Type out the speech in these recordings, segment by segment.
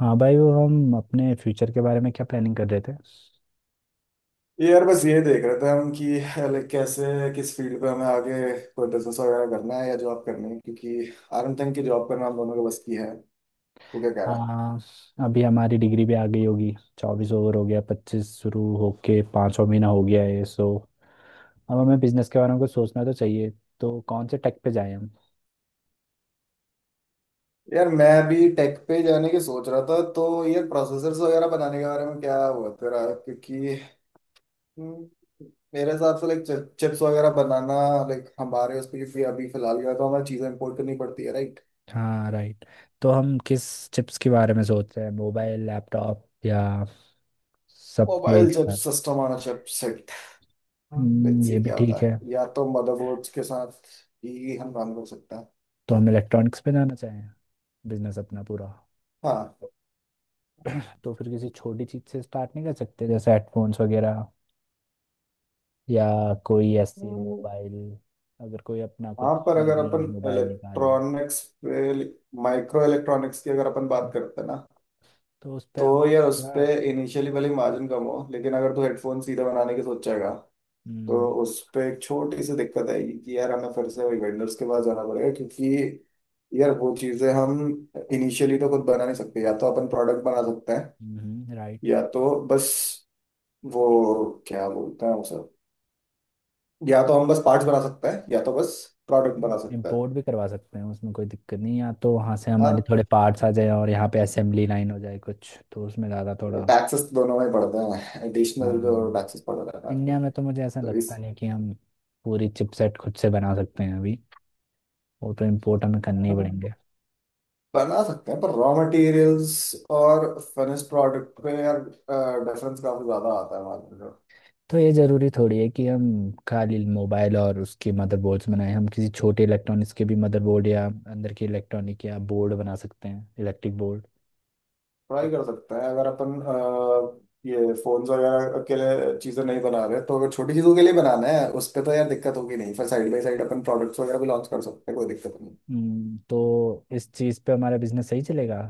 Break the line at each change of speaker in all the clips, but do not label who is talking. हाँ भाई, वो हम अपने फ्यूचर के बारे में क्या प्लानिंग कर रहे थे।
यार बस ये देख रहे थे हम कि कैसे किस फील्ड पे हमें आगे कोई बिजनेस वगैरह करना है या जॉब करनी है क्योंकि आरएम तक की जॉब करना हम दोनों के बस की है। तू क्या कह रहा है?
हाँ, अभी हमारी डिग्री भी आ गई होगी। 24 ओवर हो गया, 25 शुरू होके 5वां महीना हो गया है। सो अब हमें बिजनेस के बारे में कुछ सोचना तो चाहिए। तो कौन से टेक पे जाएं हम?
यार मैं भी टेक पे जाने की सोच रहा था। तो यार प्रोसेसर्स वगैरह बनाने के बारे में क्या हुआ तेरा? क्योंकि हम्म, मेरे हिसाब से लाइक चिप्स वगैरह बनाना, लाइक हमारे उस पर, क्योंकि अभी फिलहाल क्या है, तो हमें चीज़ें इम्पोर्ट करनी पड़ती है राइट।
हाँ, राइट। तो हम किस चिप्स के बारे में सोच रहे हैं, मोबाइल, लैपटॉप या सबके एक
मोबाइल
साथ?
Chips, system on chips. हाँ, लेट्स
ये
सी
भी
क्या होता
ठीक है।
है, या तो मदरबोर्ड्स के साथ ही हम काम कर सकते हैं।
तो हम इलेक्ट्रॉनिक्स पे जाना चाहें बिजनेस अपना पूरा।
हाँ।
तो फिर किसी छोटी चीज से स्टार्ट नहीं कर सकते जैसे हेडफोन्स वगैरह, या कोई ऐसे
हम्म।
मोबाइल अगर कोई अपना कुछ
हाँ पर
मिड
अगर
रेंज
अपन
मोबाइल निकाल ले
इलेक्ट्रॉनिक्स पे, माइक्रो इलेक्ट्रॉनिक्स की अगर अपन बात करते हैं ना,
तो उस पर हम
तो यार उस पे
थोड़ा।
इनिशियली भले मार्जिन कम हो, लेकिन अगर तू हेडफोन सीधा बनाने की सोचेगा तो उस पे एक छोटी सी दिक्कत आएगी कि यार हमें फिर से वही वेंडर्स के पास जाना पड़ेगा, क्योंकि यार वो चीजें हम इनिशियली तो खुद बना नहीं सकते। या तो अपन प्रोडक्ट बना सकते हैं,
राइट।
या तो बस वो क्या बोलते हैं उसे, या तो हम बस पार्ट्स बना सकते हैं या तो बस प्रोडक्ट बना सकते हैं।
इम्पोर्ट भी करवा सकते हैं, उसमें कोई दिक्कत नहीं है। या तो वहाँ से हमारे
अब
थोड़े पार्ट्स आ जाए और यहाँ पे असेंबली लाइन हो जाए कुछ, तो उसमें ज़्यादा थोड़ा।
टैक्सेस दोनों में पड़ते हैं, एडिशनल जो
हाँ,
टैक्सेस पड़ रहा है आजकल।
इंडिया में तो मुझे ऐसा
तो
लगता
इस
नहीं कि हम पूरी चिपसेट खुद से बना सकते हैं अभी। वो तो इम्पोर्ट हमें करने ही
अ,
पड़ेंगे।
बना सकते हैं पर रॉ मटेरियल्स और फिनिश प्रोडक्ट में यार डिफरेंस काफी ज्यादा आता है मार्केट में।
तो ये ज़रूरी थोड़ी है कि हम खाली मोबाइल और उसके मदरबोर्ड्स बनाएं, हम किसी छोटे इलेक्ट्रॉनिक्स के भी मदरबोर्ड या अंदर के इलेक्ट्रॉनिक या बोर्ड बना सकते हैं, इलेक्ट्रिक बोर्ड।
ट्राई कर सकते हैं, अगर अपन ये फोन्स वगैरह के लिए चीजें नहीं बना रहे तो, अगर छोटी चीजों के लिए बनाना है उस पे, तो यार दिक्कत होगी नहीं। फिर साइड बाई साइड अपन प्रोडक्ट्स वगैरह भी लॉन्च कर सकते हैं, कोई दिक्कत नहीं।
तो इस चीज़ पे हमारा बिजनेस सही चलेगा।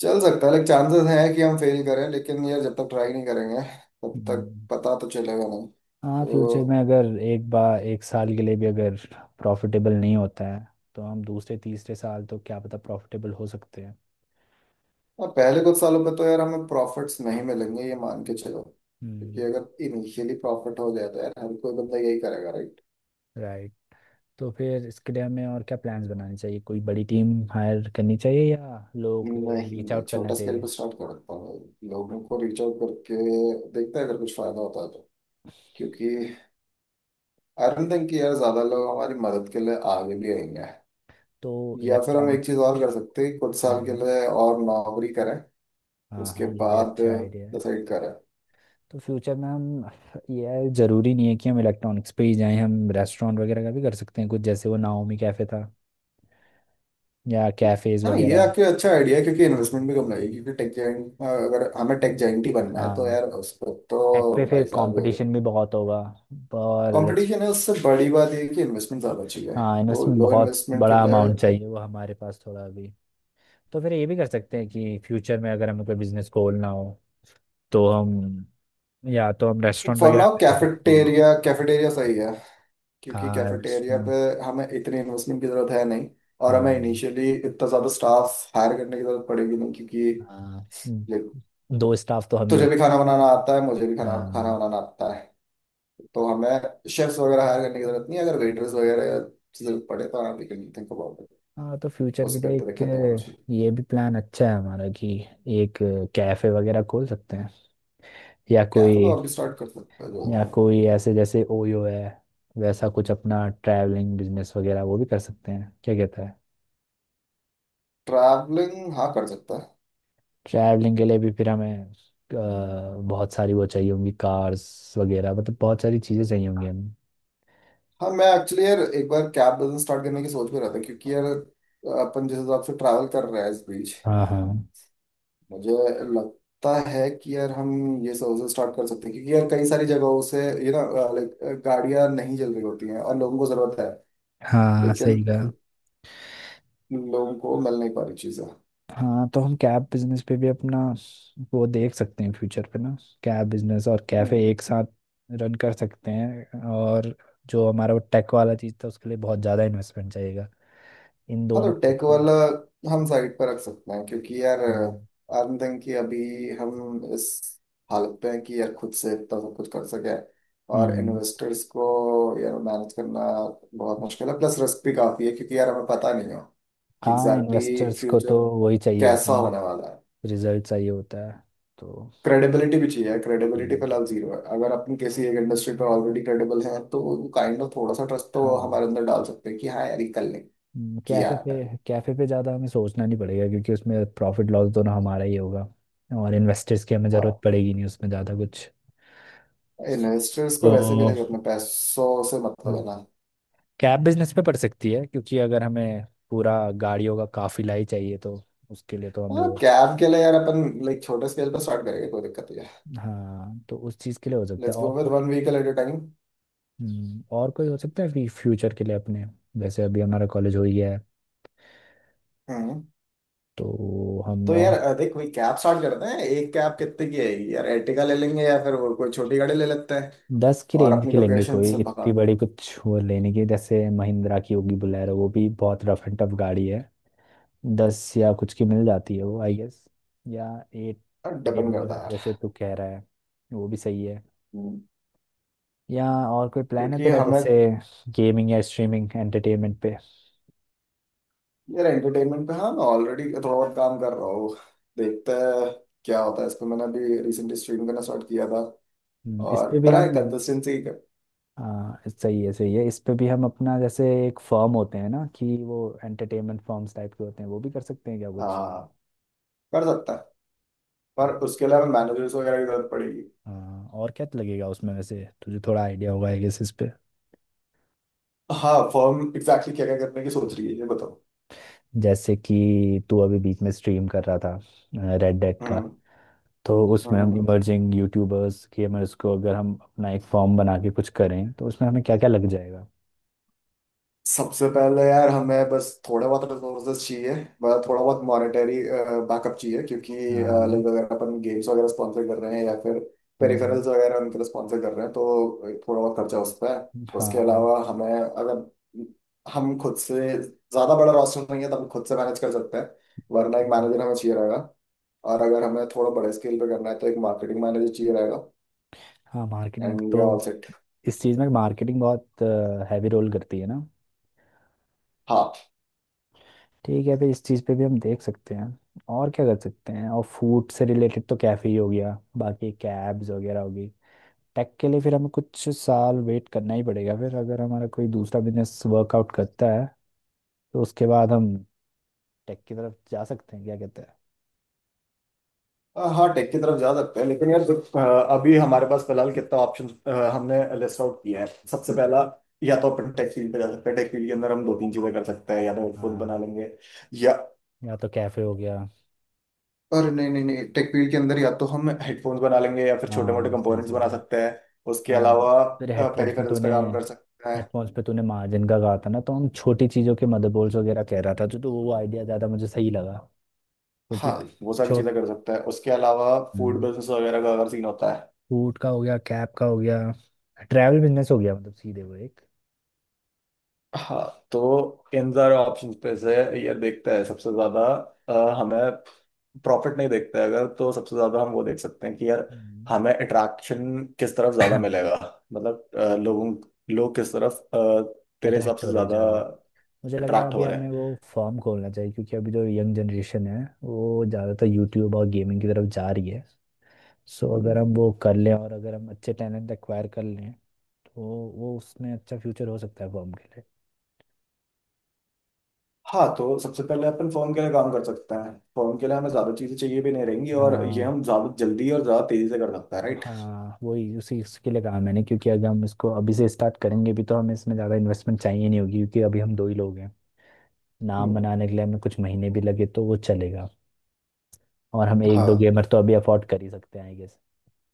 चल सकता है, लेकिन चांसेस हैं कि हम फेल करें, लेकिन यार जब तक ट्राई नहीं करेंगे तब तक
हम्म।
पता तो चलेगा नहीं
हाँ, फ्यूचर
तो।
में अगर एक बार एक साल के लिए भी अगर प्रॉफिटेबल नहीं होता है तो हम दूसरे तीसरे साल तो क्या पता प्रॉफिटेबल हो सकते हैं।
हाँ, पहले कुछ सालों पे तो यार हमें प्रॉफिट्स नहीं मिलेंगे, ये मान के चलो, क्योंकि
हम्म।
अगर इनिशियली प्रॉफिट हो जाए तो यार हर कोई बंदा यही करेगा राइट।
राइट। तो फिर इसके लिए हमें और क्या प्लान्स बनाने चाहिए? कोई बड़ी टीम हायर करनी चाहिए, या लोग
नहीं
रीच
है,
आउट करना
छोटा स्केल
चाहिए?
पे स्टार्ट करता हूँ, लोगों को रीच आउट करके देखते हैं, अगर कुछ फायदा होता है तो। क्योंकि आई डोंट थिंक कि यार ज्यादा लोग हमारी मदद के लिए आगे भी आएंगे।
तो
या फिर हम एक चीज
इलेक्ट्रॉनिक्स।
और कर सकते हैं, कुछ साल के
हम्म।
लिए और नौकरी करें,
हाँ
उसके
हाँ, ये भी
बाद
अच्छा आइडिया है।
डिसाइड करा है।
तो फ्यूचर में हम, ये ज़रूरी नहीं है कि हम इलेक्ट्रॉनिक्स पे ही जाएं, हम रेस्टोरेंट वगैरह का भी कर सकते हैं कुछ, जैसे वो नाओमी कैफ़े था, या कैफ़ेज़
हाँ ये
वगैरह।
आपके अच्छा आइडिया है क्योंकि इन्वेस्टमेंट भी कम लगेगी, क्योंकि टेक जाइंट, अगर हमें टेक जाइंट ही बनना है तो
हाँ,
यार उस पर
टेक पे
तो
फिर
भाई साहब
कंपटीशन भी बहुत होगा। और
कंपटीशन है, उससे बड़ी बात ये है कि इन्वेस्टमेंट ज़्यादा चाहिए।
हाँ,
तो
इन्वेस्टमेंट
लो
बहुत
इन्वेस्टमेंट के
बड़ा
लिए
अमाउंट चाहिए, वो हमारे पास थोड़ा अभी। तो फिर ये भी कर सकते हैं कि फ्यूचर में अगर हमें कोई बिजनेस खोलना हो तो हम, या तो हम रेस्टोरेंट
फॉर
वगैरह
नाउ
पे जा सकते हैं।
कैफेटेरिया, कैफेटेरिया सही है। क्योंकि
हाँ,
कैफेटेरिया पे
रेस्टोरेंट।
हमें इतनी इन्वेस्टमेंट की ज़रूरत है नहीं, और हमें
हाँ।
इनिशियली इतना ज़्यादा स्टाफ हायर करने की ज़रूरत पड़ेगी नहीं, क्योंकि
हाँ। हम्म,
देख,
दो स्टाफ तो हम ही
तुझे
हो।
भी खाना बनाना आता है, मुझे भी खाना खाना
हाँ।
बनाना आता है, तो हमें शेफ्स वगैरह हायर करने की जरूरत नहीं है। अगर वेटर्स वगैरह या जरूरत पड़े तो आराम, कैन थिंक अबाउट इट।
हाँ, तो फ्यूचर
उस
के लिए
पर तो दिक्कत नहीं होना
एक,
चाहिए।
ये भी प्लान अच्छा है हमारा कि एक कैफे वगैरह खोल सकते हैं, या
कैफे
कोई,
तो अभी स्टार्ट कर सकते हैं जल्दी,
या
हाँ।
कोई ऐसे जैसे ओयो है वैसा कुछ अपना ट्रैवलिंग बिजनेस वगैरह वो भी कर सकते हैं, क्या कहता है?
ट्रैवलिंग हाँ कर सकता है।
ट्रैवलिंग के लिए भी फिर हमें बहुत सारी वो चाहिए होंगी, कार्स वगैरह, मतलब बहुत सारी चीज़ें चाहिए होंगी हमें।
हाँ मैं एक्चुअली यार एक बार कैब बिजनेस स्टार्ट करने की सोच भी रहा था, क्योंकि यार अपन जिस हिसाब से ट्रैवल कर रहे हैं इस बीच,
हाँ। हाँ।
मुझे लगता है कि यार हम ये सर्विस स्टार्ट कर सकते हैं, क्योंकि यार कई सारी जगहों से ये ना, लाइक गाड़ियां नहीं चल रही होती हैं और लोगों को जरूरत है,
हाँ,
लेकिन
सही कहा।
लोगों को मिल नहीं पा रही चीज़ें।
हाँ, तो हम कैब बिजनेस पे भी अपना वो देख सकते हैं, फ्यूचर पे ना। कैब बिजनेस और कैफे एक साथ रन कर सकते हैं, और जो हमारा वो टेक वाला चीज़ था उसके लिए बहुत ज़्यादा इन्वेस्टमेंट चाहिएगा, इन
हाँ तो
दोनों पे
टेक
तो।
वाला हम साइड पर रख सकते हैं, क्योंकि यार आई
हम्म,
डोंट थिंक कि अभी हम इस हालत पे हैं कि यार खुद से इतना सब कुछ कर सके। और
हम्म।
इन्वेस्टर्स को यार मैनेज करना बहुत मुश्किल है, प्लस रिस्क भी काफी है क्योंकि यार हमें पता नहीं है कि
हाँ,
एग्जैक्टली exactly
इन्वेस्टर्स को तो
फ्यूचर
वही चाहिए होते
कैसा होने
हैं,
वाला है।
रिजल्ट चाहिए होता है। तो
क्रेडिबिलिटी भी चाहिए, क्रेडिबिलिटी
हम्म।
फिलहाल जीरो है। अगर अपन किसी एक इंडस्ट्री पर ऑलरेडी क्रेडिबल हैं तो काइंड ऑफ थोड़ा सा ट्रस्ट तो
हाँ।
हमारे अंदर डाल सकते हैं कि हाँ यार ये कर लेंगे किया
कैफे पे,
है।
कैफे पे ज़्यादा हमें सोचना नहीं पड़ेगा क्योंकि उसमें प्रॉफिट लॉस दोनों हमारा ही होगा, और इन्वेस्टर्स की हमें ज़रूरत
हाँ
पड़ेगी नहीं, उसमें ज़्यादा कुछ।
इन्वेस्टर्स को वैसे भी
तो
लाइक अपने पैसों से मतलब
हम्म,
है ना।
कैब बिजनेस पे पड़ सकती है क्योंकि अगर हमें पूरा गाड़ियों का काफिला ही चाहिए तो उसके लिए तो हमें
हाँ
वो।
कैब के लिए यार अपन लाइक छोटे स्केल पर स्टार्ट करेंगे, कोई दिक्कत नहीं है।
हाँ, तो उस चीज़ के लिए हो सकता है।
Let's go with one vehicle at a time.
और कोई हो सकता है फ्यूचर के लिए अपने, जैसे अभी हमारा कॉलेज हो ही गया है
हम्म।
तो हम,
तो यार
और
देख वही कैब स्टार्ट करते हैं, एक कैब कितने की है? यार एर्टिगा ले लेंगे या फिर वो कोई छोटी गाड़ी ले लेते हैं
10 की
और
रेंज
अपनी
की लेंगे,
लोकेशन
कोई
से भगा।
इतनी बड़ी कुछ वो लेने की जैसे महिंद्रा की होगी बुलेरो, वो भी बहुत रफ एंड टफ गाड़ी है। 10 या कुछ की मिल जाती है वो, आई गेस। या 8 की
डिपेंड
रेंज में,
करता है यार।
जैसे तू कह रहा है, वो भी सही है।
हम्म।
या और कोई प्लान है
क्योंकि
तेरा,
हमें
जैसे गेमिंग या स्ट्रीमिंग एंटरटेनमेंट पे?
यार एंटरटेनमेंट पे, हाँ मैं ऑलरेडी थोड़ा बहुत काम कर रहा हूँ। देखते हैं क्या होता है इस पे, मैंने अभी रिसेंटली स्ट्रीम करना स्टार्ट किया था,
इस
और
पे भी
पर है
हम।
कंसिस्टेंसी।
हाँ सही है, सही है, इस पे भी हम अपना जैसे एक फर्म होते हैं ना कि वो एंटरटेनमेंट फर्म्स टाइप के होते हैं, वो भी कर सकते हैं क्या कुछ।
हाँ कर सकता है, पर
तो
उसके लिए हमें मैनेजर्स वगैरह की जरूरत पड़ेगी।
हाँ, और क्या तो लगेगा उसमें वैसे? तुझे थोड़ा आइडिया होगा आई गेस इस पे।
हाँ फर्म एग्जैक्टली क्या क्या करने की सोच रही है, ये बताओ।
जैसे कि तू अभी बीच में स्ट्रीम कर रहा था रेड डेड का,
हम्म
तो उसमें
हम्म
हम
हम्म।
इमर्जिंग यूट्यूबर्स गेमर्स को अगर हम अपना एक फॉर्म बना के कुछ करें तो उसमें हमें क्या क्या लग जाएगा?
सबसे पहले यार हमें बस थोड़ा बहुत रिसोर्सेज चाहिए, मतलब थोड़ा बहुत मॉनेटरी बैकअप चाहिए, क्योंकि
हाँ।
लाइक अगर अपन गेम्स वगैरह स्पॉन्सर कर रहे हैं या फिर
हम्म।
पेरिफेरल्स वगैरह उनके लिए स्पॉन्सर कर रहे हैं, तो थोड़ा बहुत खर्चा उस पर है। उसके
हाँ।
अलावा हमें, अगर हम खुद से, ज़्यादा बड़ा रोस्टर नहीं है तो हम खुद से मैनेज कर सकते हैं, वरना एक
हम्म।
मैनेजर हमें चाहिए रहेगा, और अगर हमें थोड़ा बड़े स्केल पे करना है तो एक मार्केटिंग मैनेजर चाहिए रहेगा।
हाँ, मार्केटिंग
एंड वी
तो,
आर ऑल
इस चीज़ में मार्केटिंग बहुत हैवी रोल करती है ना।
सेट।
ठीक है, फिर इस चीज़ पे भी हम देख सकते हैं। और क्या कर सकते हैं? और फूड से रिलेटेड तो कैफ़े ही हो गया, बाकी कैब्स वगैरह होगी। टेक के लिए फिर हमें कुछ साल वेट करना ही पड़ेगा, फिर अगर हमारा कोई दूसरा बिजनेस वर्कआउट करता है तो उसके बाद हम टेक की तरफ जा सकते हैं, क्या कहते हैं?
हाँ टेक की तरफ जा सकते हैं, लेकिन यार जो, अभी हमारे पास फिलहाल कितना ऑप्शन हमने लिस्ट आउट किए हैं। सबसे पहला, या तो अपन टेक फील्ड पे जा सकते हैं, टेक फील्ड के अंदर हम दो तीन चीजें कर सकते हैं, या तो हेडफोन बना
हाँ,
लेंगे या।
या तो कैफे हो गया।
और नहीं नहीं नहीं टेक फील्ड के अंदर या तो हम हेडफोन्स बना लेंगे या फिर छोटे मोटे
हाँ सही,
कंपोनेंट्स
सही
बना
है।
सकते हैं। उसके
हाँ,
अलावा
फिर हेडफोन्स में
पेरिफेरल्स पे
तूने,
काम कर सकते हैं।
हेडफोन्स पे तूने मार्जिन का कहा था ना, तो हम छोटी चीज़ों के मदरबोर्ड्स वगैरह कह रहा था जो, तो वो आइडिया ज़्यादा मुझे सही लगा, क्योंकि।
हाँ वो सारी
छोट।
चीजें कर सकते हैं, उसके अलावा फूड बिजनेस वगैरह का अगर सीन होता है।
फूड का हो गया, कैब का हो गया, ट्रैवल बिजनेस हो गया, मतलब सीधे वो एक।
हाँ तो इन सारे ऑप्शन पे से ये देखता है सबसे ज्यादा अ, हमें प्रॉफिट नहीं देखता है अगर, तो सबसे ज्यादा हम वो देख सकते हैं कि यार हमें अट्रैक्शन किस तरफ ज्यादा मिलेगा। मतलब लोग किस तरफ तेरे हिसाब
अट्रैक्ट हो
से
रहे
ज्यादा
ज़्यादा मुझे लग रहा है
अट्रैक्ट
अभी
हो रहे
हमें वो
हैं।
फॉर्म खोलना चाहिए क्योंकि अभी जो यंग जनरेशन है वो ज़्यादातर यूट्यूब और गेमिंग की तरफ जा रही है, सो
हम्म।
अगर हम वो कर लें और अगर हम अच्छे टैलेंट एक्वायर कर लें तो, वो उसमें अच्छा फ्यूचर हो सकता है फॉर्म के लिए।
हाँ तो सबसे पहले अपन फोन के लिए काम कर सकते हैं, फोन के लिए हमें ज्यादा चीजें चाहिए भी नहीं रहेंगी, और ये
हाँ।
हम ज्यादा जल्दी और ज्यादा तेजी से कर सकते हैं राइट।
हाँ, वही उसी उसके लिए कहा मैंने क्योंकि अगर हम इसको अभी से स्टार्ट करेंगे भी तो हमें इसमें ज़्यादा इन्वेस्टमेंट चाहिए नहीं होगी क्योंकि अभी हम दो ही लोग हैं। नाम बनाने के लिए हमें कुछ महीने भी लगे तो वो चलेगा। और हम एक दो
हाँ
गेमर तो अभी अफोर्ड कर ही सकते हैं आई गेस,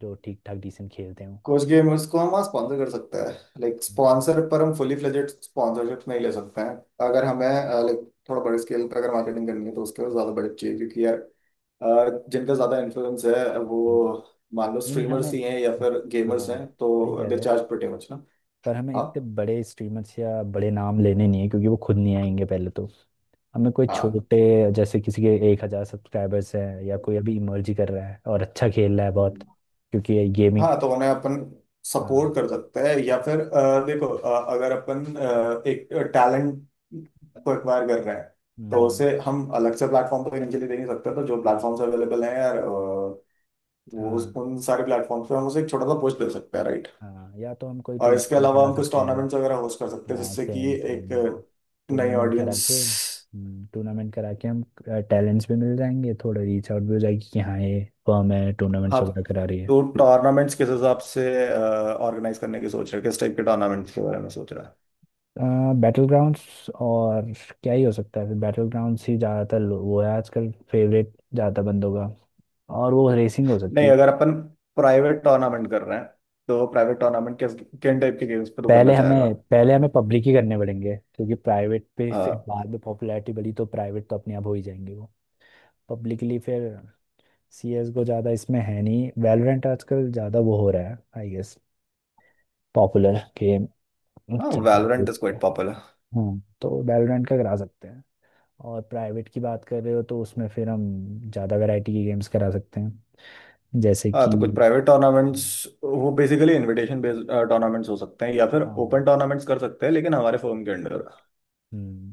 जो ठीक ठाक डिसेंट खेलते हो।
कुछ गेमर्स को हम स्पॉन्सर कर सकते हैं, लाइक
हम्म।
स्पॉन्सर पर हम फुली फ्लेजेड स्पॉन्सरशिप नहीं ले सकते हैं। अगर हमें लाइक थोड़ा बड़े स्केल पर अगर मार्केटिंग करनी है तो उसके लिए ज़्यादा बजट चाहिए, क्योंकि यार जिनका ज़्यादा इन्फ्लुएंस है वो,
हम्म।
मान लो
नहीं नहीं, हमें,
स्ट्रीमर्स ही हैं या फिर गेमर्स
हाँ
हैं,
सही
तो
कह
दे
रहे हो,
चार्ज प्रीटी मच ना।
पर हमें
हाँ।
इतने बड़े स्ट्रीमर्स या बड़े नाम लेने नहीं है क्योंकि वो खुद नहीं आएंगे पहले तो। हमें कोई
हाँ।
छोटे, जैसे किसी के 1,000 सब्सक्राइबर्स हैं या कोई अभी इमर्ज ही कर रहा है और अच्छा खेल रहा है बहुत,
हम्म।
क्योंकि गेमिंग।
हाँ तो उन्हें अपन सपोर्ट
हाँ।
कर सकते हैं, या फिर देखो अगर अपन एक टैलेंट को एक्वायर कर रहे हैं तो
हम्म,
उसे हम अलग से प्लेटफॉर्म पर इनिशियली दे नहीं सकते, तो जो प्लेटफॉर्म्स अवेलेबल हैं यार वो
हाँ।
उन सारे प्लेटफॉर्म्स पे हम उसे एक छोटा सा पुश दे सकते हैं राइट।
हाँ, या तो हम कोई
और इसके
टूर्नामेंट
अलावा
करा
हम कुछ
सकते हैं।
टूर्नामेंट्स वगैरह होस्ट कर सकते हैं,
हाँ
जिससे कि
सेम
एक
सेम, हाँ,
नई
टूर्नामेंट करा के
ऑडियंस।
टूर्नामेंट करा के हम टैलेंट्स भी मिल जाएंगे, थोड़ा रीच आउट भी हो जाएगी कि हाँ, ये फर्म है
हाँ
टूर्नामेंट्स वगैरह करा रही है।
तो टूर्नामेंट्स किस हिसाब से ऑर्गेनाइज करने की सोच रहे हो, किस टाइप के टूर्नामेंट्स के बारे में सोच रहे हो?
बैटल ग्राउंड्स और, क्या ही हो सकता है फिर? बैटल ग्राउंड्स ही ज़्यादातर वो है आजकल, फेवरेट ज़्यादा बंदों का। और वो रेसिंग हो सकती
नहीं,
है।
अगर अपन प्राइवेट टूर्नामेंट कर रहे हैं तो प्राइवेट टूर्नामेंट किस किन टाइप के गेम्स पे तू करना
पहले
चाहेगा?
हमें पहले हमें पब्लिक ही करने पड़ेंगे क्योंकि प्राइवेट पे फिर
हाँ।
बाद में पॉपुलैरिटी बढ़ी तो प्राइवेट तो अपने आप हो ही जाएंगे वो। पब्लिकली फिर सी एस को ज़्यादा इसमें है नहीं, वैलोरेंट आजकल ज़्यादा वो हो रहा है आई गेस, पॉपुलर गेम।
हाँ
चलता
वैलोरेंट इज
है।
Quite popular.
हम्म, तो वैलोरेंट का करा सकते हैं। और प्राइवेट की बात कर रहे हो तो उसमें फिर हम ज़्यादा वैरायटी के गेम्स करा सकते हैं, जैसे
हाँ
कि।
तो कुछ प्राइवेट टूर्नामेंट्स, वो बेसिकली इनविटेशन बेस्ड टूर्नामेंट्स हो सकते हैं, या फिर
हाँ।
ओपन टूर्नामेंट्स कर सकते हैं लेकिन हमारे फर्म के अंडर।
हम्म।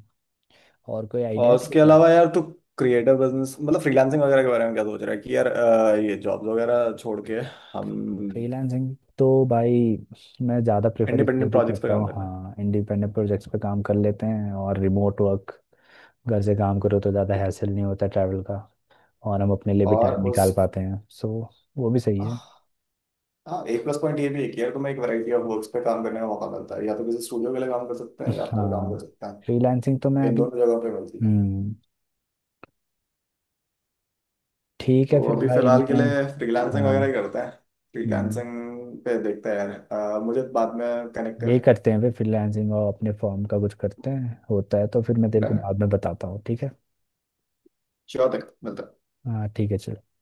और कोई आइडिया
और
है तेरे
उसके
पास?
अलावा यार तू क्रिएटिव बिजनेस मतलब फ्रीलांसिंग वगैरह के बारे में क्या सोच रहा है? कि यार ये जॉब्स वगैरह छोड़ के हम
फ्रीलांसिंग तो भाई मैं ज़्यादा प्रेफर इसलिए
इंडिपेंडेंट
भी
प्रोजेक्ट्स पे
करता
काम
हूँ,
करना है।
हाँ, इंडिपेंडेंट प्रोजेक्ट्स पे काम कर लेते हैं और रिमोट वर्क, घर से काम करो तो ज़्यादा हैसल नहीं होता ट्रैवल का, और हम अपने लिए भी
और
टाइम निकाल
उस,
पाते हैं सो वो भी सही है।
हाँ एक प्लस पॉइंट ये भी है कि यार तुम्हें एक वैरायटी ऑफ वर्क्स पे काम करने का मौका मिलता है, या तो किसी स्टूडियो के लिए काम कर सकते हैं या अपने लिए काम कर
हाँ
सकते हैं,
फ्रीलांसिंग तो मैं
इन
अभी।
दोनों जगहों पे मिलती है।
हम्म। ठीक है
तो
फिर
अभी
भाई
फिलहाल के
मैं।
लिए फ्रीलांसिंग
हाँ।
वगैरह ही करते हैं,
हम्म,
फ्रीलांसिंग पे देखते हैं यार। मुझे बाद में कनेक्ट
यही
कर।
करते हैं फिर, फ्रीलांसिंग और अपने फॉर्म का कुछ करते हैं, होता है तो फिर मैं तेरे को
डन है।
बाद में बताता हूँ, ठीक है।
श्योर तक मिलते हैं।
हाँ ठीक है, चल।